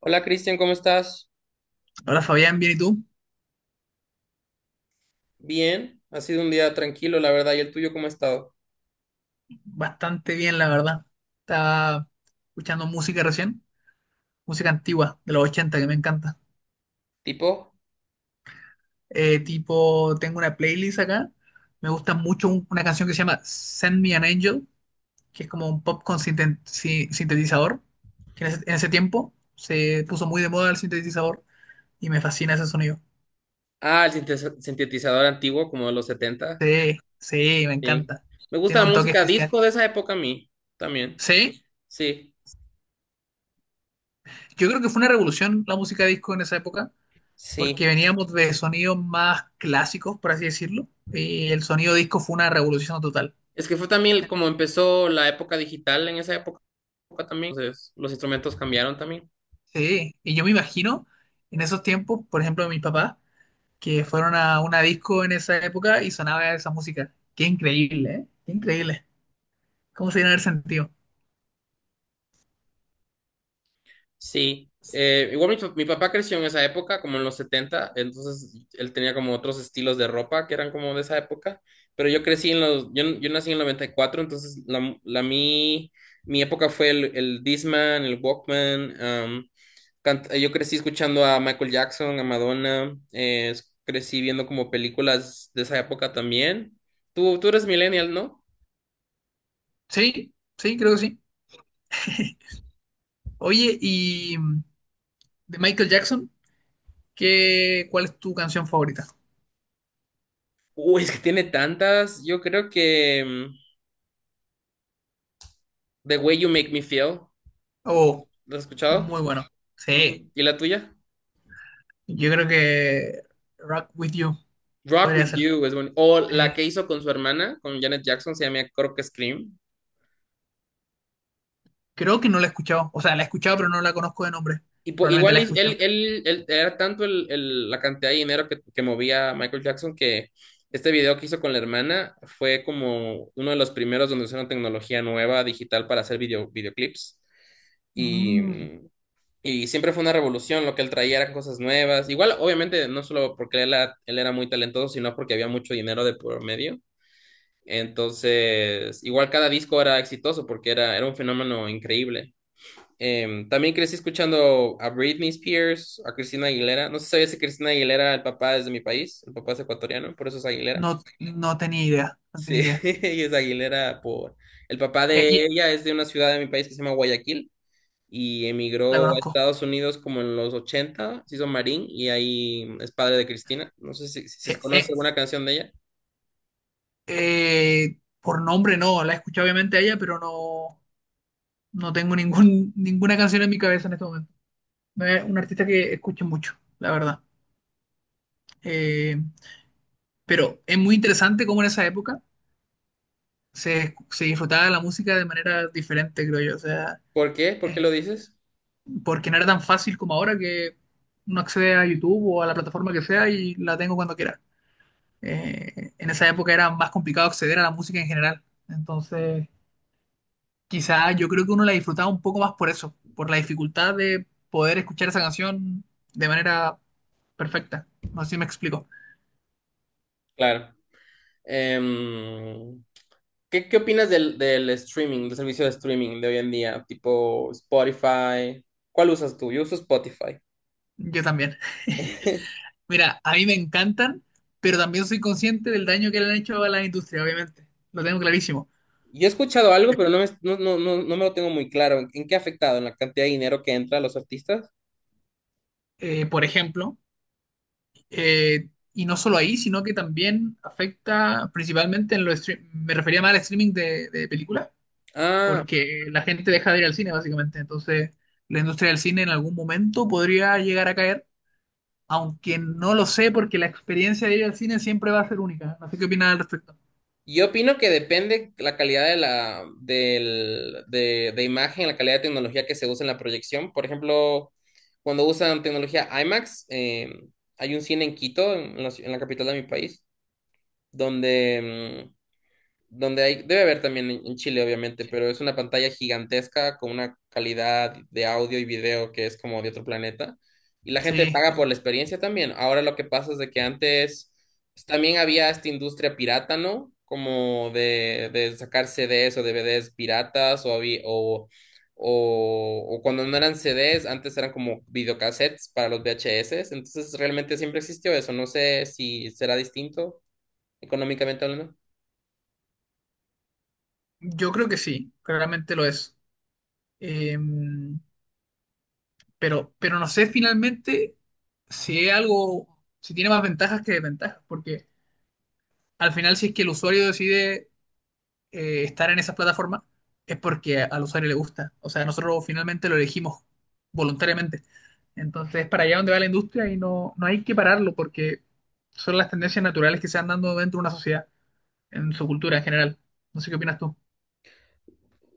Hola Cristian, ¿cómo estás? Hola Fabián, ¿bien y tú? Bien, ha sido un día tranquilo, la verdad. ¿Y el tuyo cómo ha estado? Bastante bien, la verdad. Estaba escuchando música recién, música antigua de los 80 que me encanta. ¿Tipo? Tipo, tengo una playlist acá. Me gusta mucho una canción que se llama Send Me an Angel, que es como un pop con sintetizador, que en ese tiempo se puso muy de moda el sintetizador y me fascina ese sonido. Ah, el sintetizador antiguo, como de los setenta. Sí, sí, me Sí. encanta. Me Tiene gusta la un toque música especial. disco de esa época a mí, también. Sí, Sí, yo creo que fue una revolución la música disco en esa época porque sí. veníamos de sonidos más clásicos, por así decirlo, y el sonido disco fue una revolución total. Es que fue también como empezó la época digital en esa época también. Entonces, los instrumentos cambiaron también. Sí, y yo me imagino en esos tiempos, por ejemplo, mis papás, que fueron a una disco en esa época y sonaba esa música. Qué increíble, ¿eh? Qué increíble. ¿Cómo se dieron el sentido? Sí, igual mi papá creció en esa época, como en los 70, entonces él tenía como otros estilos de ropa que eran como de esa época, pero yo nací en el 94, entonces mi época fue el Discman, el Walkman, um, cant- yo crecí escuchando a Michael Jackson, a Madonna, crecí viendo como películas de esa época también. Tú eres millennial, ¿no? Sí, sí, creo que sí. Oye, de Michael Jackson, ¿ cuál es tu canción favorita? Uy, es que tiene tantas, yo creo que The Way You Make Me Feel. Oh, ¿Lo has escuchado? muy bueno. Sí, Ujú. ¿Y la tuya? yo creo que Rock With You Rock podría With ser. You es bueno. O la Sí. que hizo con su hermana, con Janet Jackson, se llama creo que Scream. Creo que no la he escuchado. O sea, la he escuchado, pero no la conozco de nombre. Probablemente la he escuchado. Era tanto la cantidad de dinero que movía Michael Jackson que este video que hizo con la hermana fue como uno de los primeros donde usaron tecnología nueva digital para hacer video, videoclips. Y, Mm, y siempre fue una revolución, lo que él traía eran cosas nuevas. Igual, obviamente, no solo porque él era muy talentoso, sino porque había mucho dinero de por medio. Entonces, igual cada disco era exitoso porque era un fenómeno increíble. También crecí escuchando a Britney Spears, a Cristina Aguilera. No sé si sabías que Cristina Aguilera, era el papá es de mi país, el papá es ecuatoriano, por eso es Aguilera. no, no tenía idea. No tenía Sí, idea. ella es Aguilera por... El papá Eh, de y- ella es de una ciudad de mi país que se llama Guayaquil y la emigró a conozco. Estados Unidos como en los ochenta, se hizo marín y ahí es padre de Cristina. No sé si Eh, conoces eh, alguna canción de ella. Por nombre no. La he escuchado obviamente a ella, pero no, no tengo ningún, ninguna canción en mi cabeza en este momento. No es un artista que escuche mucho, la verdad. Eh, pero es muy interesante cómo en esa época se disfrutaba de la música de manera diferente, creo yo. O sea. ¿Por qué? ¿Por qué eh, lo dices? Porque no era tan fácil como ahora que uno accede a YouTube o a la plataforma que sea y la tengo cuando quiera. En esa época era más complicado acceder a la música en general. Entonces, quizá yo creo que uno la disfrutaba un poco más por eso, por la dificultad de poder escuchar esa canción de manera perfecta. No sé si me explico. Claro. Em, qué opinas del streaming, del servicio de streaming de hoy en día? Tipo Spotify. ¿Cuál usas tú? Yo uso Spotify. Yo también. Mira, a mí me encantan, pero también soy consciente del daño que le han hecho a la industria, obviamente. Lo tengo clarísimo. Yo he escuchado algo, pero no me, no, no, no, no me lo tengo muy claro. En qué ha afectado? ¿En la cantidad de dinero que entra a los artistas? Por ejemplo, y no solo ahí, sino que también afecta principalmente en los me refería más al streaming de películas, Ah, porque la gente deja de ir al cine básicamente, entonces la industria del cine en algún momento podría llegar a caer, aunque no lo sé porque la experiencia de ir al cine siempre va a ser única, no sé qué opinas al respecto. yo opino que depende la calidad de de imagen, la calidad de tecnología que se usa en la proyección. Por ejemplo, cuando usan tecnología IMAX, hay un cine en Quito, en la capital de mi país, donde donde hay, debe haber también en Chile, obviamente, pero es una pantalla gigantesca con una calidad de audio y video que es como de otro planeta. Y la gente Sí, paga em, por la experiencia también. Ahora lo que pasa es de que antes pues, también había esta industria pirata, ¿no? Como de sacar CDs o DVDs piratas o, había- o cuando no eran CDs, antes eran como videocassettes para los VHS. Entonces realmente siempre existió eso. No sé si será distinto económicamente hablando. yo creo que sí, claramente lo es. Em, pero no sé finalmente si es algo, si tiene más ventajas que desventajas, porque al final si es que el usuario decide estar en esas plataformas es porque al usuario le gusta. O sea, nosotros finalmente lo elegimos voluntariamente. Entonces, es para allá donde va la industria y no, no hay que pararlo porque son las tendencias naturales que se van dando dentro de una sociedad, en su cultura en general. No sé qué opinas tú.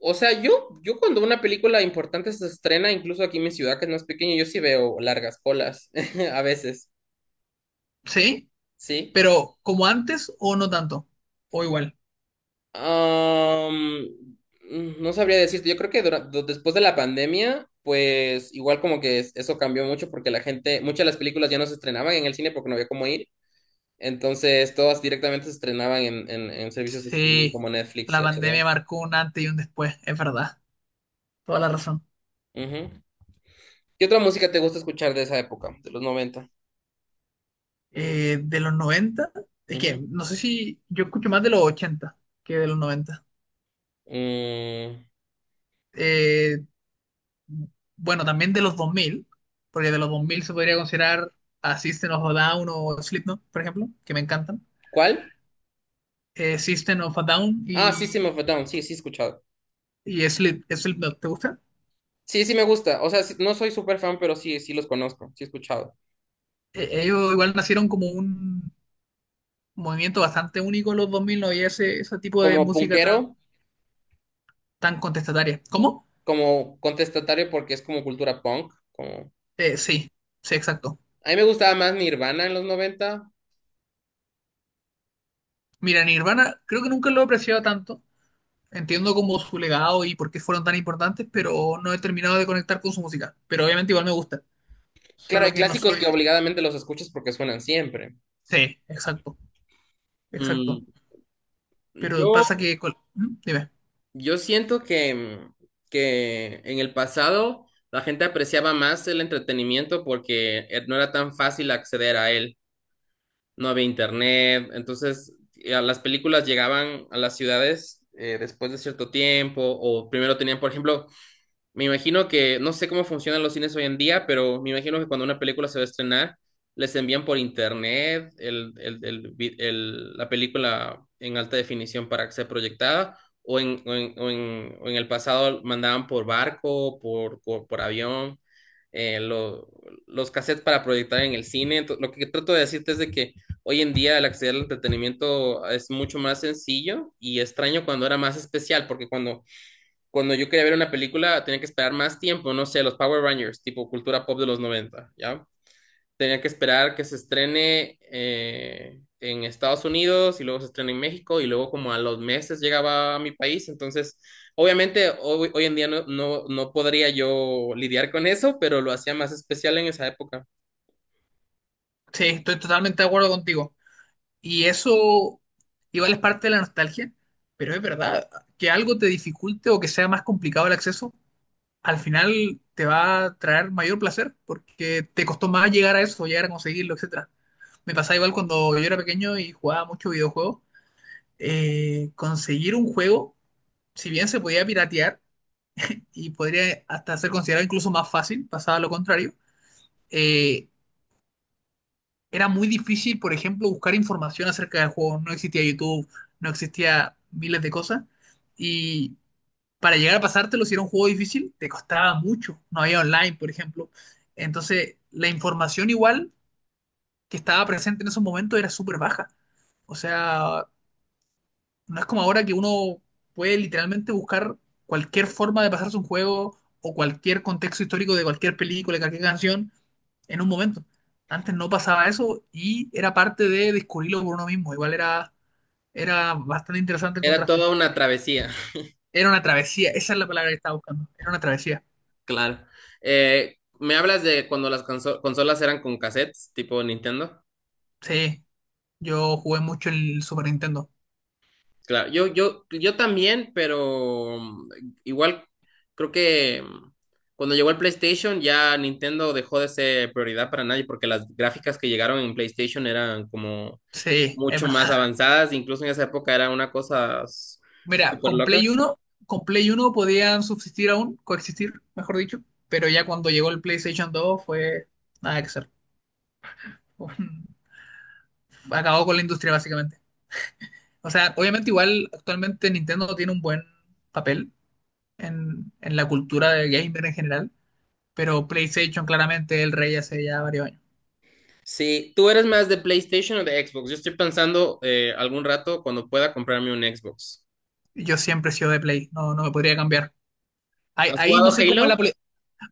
O sea, yo cuando una película importante se estrena, incluso aquí en mi ciudad, que no es pequeña, yo sí veo largas colas, a veces, Sí, ¿sí? pero como antes o no tanto, o igual. Am, no sabría decirte, yo creo que después de la pandemia, pues igual como que es- eso cambió mucho porque la gente, muchas de las películas ya no se estrenaban en el cine porque no había cómo ir, entonces todas directamente se estrenaban en, en servicios de streaming Sí, como Netflix la y pandemia HBO. marcó un antes y un después, es verdad, toda la razón. Ujú. ¿Qué otra música te gusta escuchar de esa época, de los noventa? De los 90 es que Ujú. no sé si yo escucho más de los 80 que de los 90. Mm, eh, bueno, también de los 2000 porque de los 2000 se podría considerar a System of a Down o Slipknot, por ejemplo, que me encantan. ¿cuál? System of a Down Ah, System of a Down, sí, sí he escuchado. y Slipknot, ¿te gusta? Sí, sí me gusta. O sea, sí- no soy súper fan, pero sí, sí los conozco, sí he escuchado. Ellos igual nacieron como un movimiento bastante único en los 2000 no había ese tipo de Como música punkero, tan, tan contestataria. ¿Cómo? como contestatario, porque es como cultura punk. Como... Sí, sí, exacto. A mí me gustaba más Nirvana en los noventa. Mira, Nirvana creo que nunca lo he apreciado tanto. Entiendo como su legado y por qué fueron tan importantes, pero no he terminado de conectar con su música. Pero obviamente igual me gusta. Claro, Solo hay que no clásicos que soy. obligadamente los escuchas porque suenan siempre. Sí, exacto, exacto. Mm, Pero yo, pasa que. ¿Mm? Dime. yo siento que en el pasado la gente apreciaba más el entretenimiento porque no era tan fácil acceder a él. No había internet, entonces las películas llegaban a las ciudades después de cierto tiempo, o primero tenían, por ejemplo, me imagino que, no sé cómo funcionan los cines hoy en día, pero me imagino que cuando una película se va a estrenar, les envían por internet la película en alta definición para que sea proyectada, o o en el pasado mandaban por barco, por avión, eh, lo- los cassettes para proyectar en el cine. Lo que trato de decirte es de que hoy en día el acceder al entretenimiento es mucho más sencillo y extraño cuando era más especial, porque cuando yo quería ver una película tenía que esperar más tiempo, no sé, los Power Rangers, tipo cultura pop de los noventa, ¿ya? Tenía que esperar que se estrene en Estados Unidos y luego se estrena en México y luego como a los meses llegaba a mi país, entonces obviamente hoy en día no podría yo lidiar con eso, pero lo hacía más especial en esa época. Sí, estoy totalmente de acuerdo contigo. Y eso igual es parte de la nostalgia, pero es verdad que algo te dificulte o que sea más complicado el acceso, al final te va a traer mayor placer porque te costó más llegar a eso, llegar a conseguirlo, etcétera. Me pasaba igual cuando yo era pequeño y jugaba mucho videojuegos. Conseguir un juego, si bien se podía piratear, y podría hasta ser considerado incluso más fácil, pasado lo contrario. Eh, Era muy difícil, por ejemplo, buscar información acerca del juego. No existía YouTube, no existía miles de cosas. Y para llegar a pasártelo, si era un juego difícil, te costaba mucho. No había online, por ejemplo. Entonces, la información igual que estaba presente en esos momentos era súper baja. O sea, no es como ahora que uno puede literalmente buscar cualquier forma de pasarse un juego o cualquier contexto histórico de cualquier película, de cualquier canción, en un momento. Antes no pasaba eso y era parte de descubrirlo por uno mismo. Era bastante interesante el Era contraste. toda una travesía, Era una travesía, esa es la palabra que estaba buscando. Era una travesía. claro. Me hablas de cuando las consolas eran con cassettes, tipo Nintendo. Sí, yo jugué mucho el Super Nintendo. Claro, yo también, pero igual creo que cuando llegó el PlayStation ya Nintendo dejó de ser prioridad para nadie porque las gráficas que llegaron en PlayStation eran como Sí, es mucho más verdad. avanzadas, incluso en esa época era Mira, súper loca. Con Play uno podían subsistir aún, coexistir, mejor dicho, pero ya cuando llegó el PlayStation 2 fue nada que hacer. Acabó con la industria básicamente. O sea, obviamente igual actualmente Nintendo tiene un buen papel en la cultura del gamer en general, pero PlayStation claramente es el rey hace ya varios años. Sí, ¿tú eres más de PlayStation o de Xbox? Yo estoy pensando algún rato cuando pueda comprarme un Xbox. Yo siempre he sido de Play, no, no me podría cambiar. Ahí, ¿Has ahí no jugado soy como en Halo?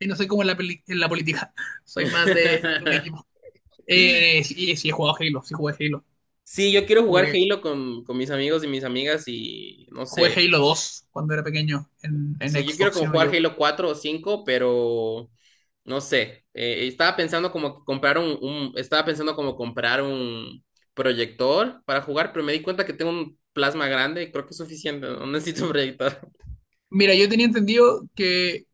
ahí, no soy como en en la política, soy más de un equipo. Sí, sí he jugado Halo, sí jugué Halo. Sí, yo quiero jugar Jugué, Halo con mis amigos y mis amigas y no Jugué sé. Halo 2 cuando era pequeño en Sí, yo quiero Xbox, si como no jugar yo. Halo 4 o 5 pero no sé. Estaba pensando como comprar estaba pensando como comprar un proyector para jugar, pero me di cuenta que tengo un plasma grande y creo que es suficiente, no necesito un proyector. Mira, yo tenía entendido que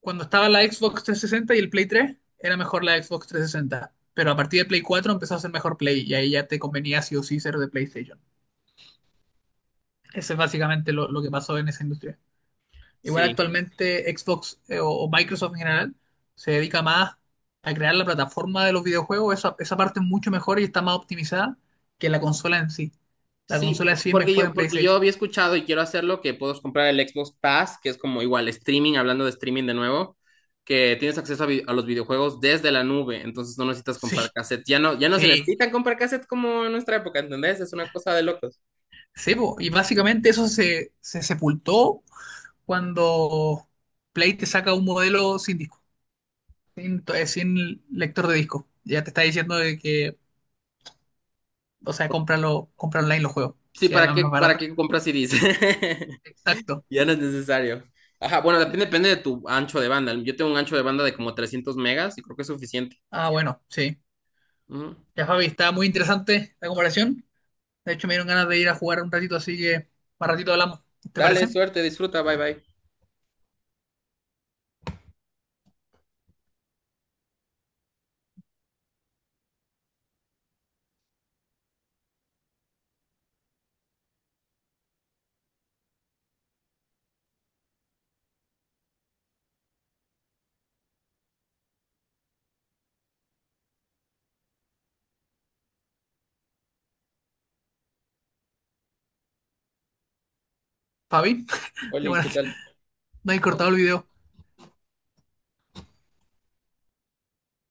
cuando estaba la Xbox 360 y el Play 3, era mejor la Xbox 360. Pero a partir de Play 4 empezó a ser mejor Play y ahí ya te convenía sí o sí ser de PlayStation. Eso es básicamente lo que pasó en esa industria. Igual Sí. actualmente Xbox o Microsoft en general se dedica más a crear la plataforma de los videojuegos. Esa parte es mucho mejor y está más optimizada que la consola en sí. La Sí, consola en sí es porque mejor en porque yo PlayStation. había escuchado y quiero hacerlo, que puedes comprar el Xbox Pass, que es como igual streaming, hablando de streaming de nuevo, que tienes acceso a, a los videojuegos desde la nube, entonces no necesitas Sí, comprar cassette. Ya no, ya no se sí. necesitan comprar cassette como en nuestra época, ¿entendés? Es una cosa de locos. Sí, po, y básicamente eso se sepultó cuando Play te saca un modelo sin disco, sin lector de disco. Ya te está diciendo de que, o sea, cómpralo, compra online los juegos. Sí, Si además más para barato. qué compras CDs? Exacto. Ya no es necesario. Ajá, bueno, depende de tu ancho de banda. Yo tengo un ancho de banda de como 300 megas y creo que es suficiente. Ah, bueno, sí. Ujú. Ya, Fabi, está muy interesante la comparación. De hecho, me dieron ganas de ir a jugar un ratito, así que más ratito hablamos. ¿Te Dale, parece? suerte, disfruta, bye bye. Fabi, Oli, bueno, ¿qué tal? no hay cortado el video.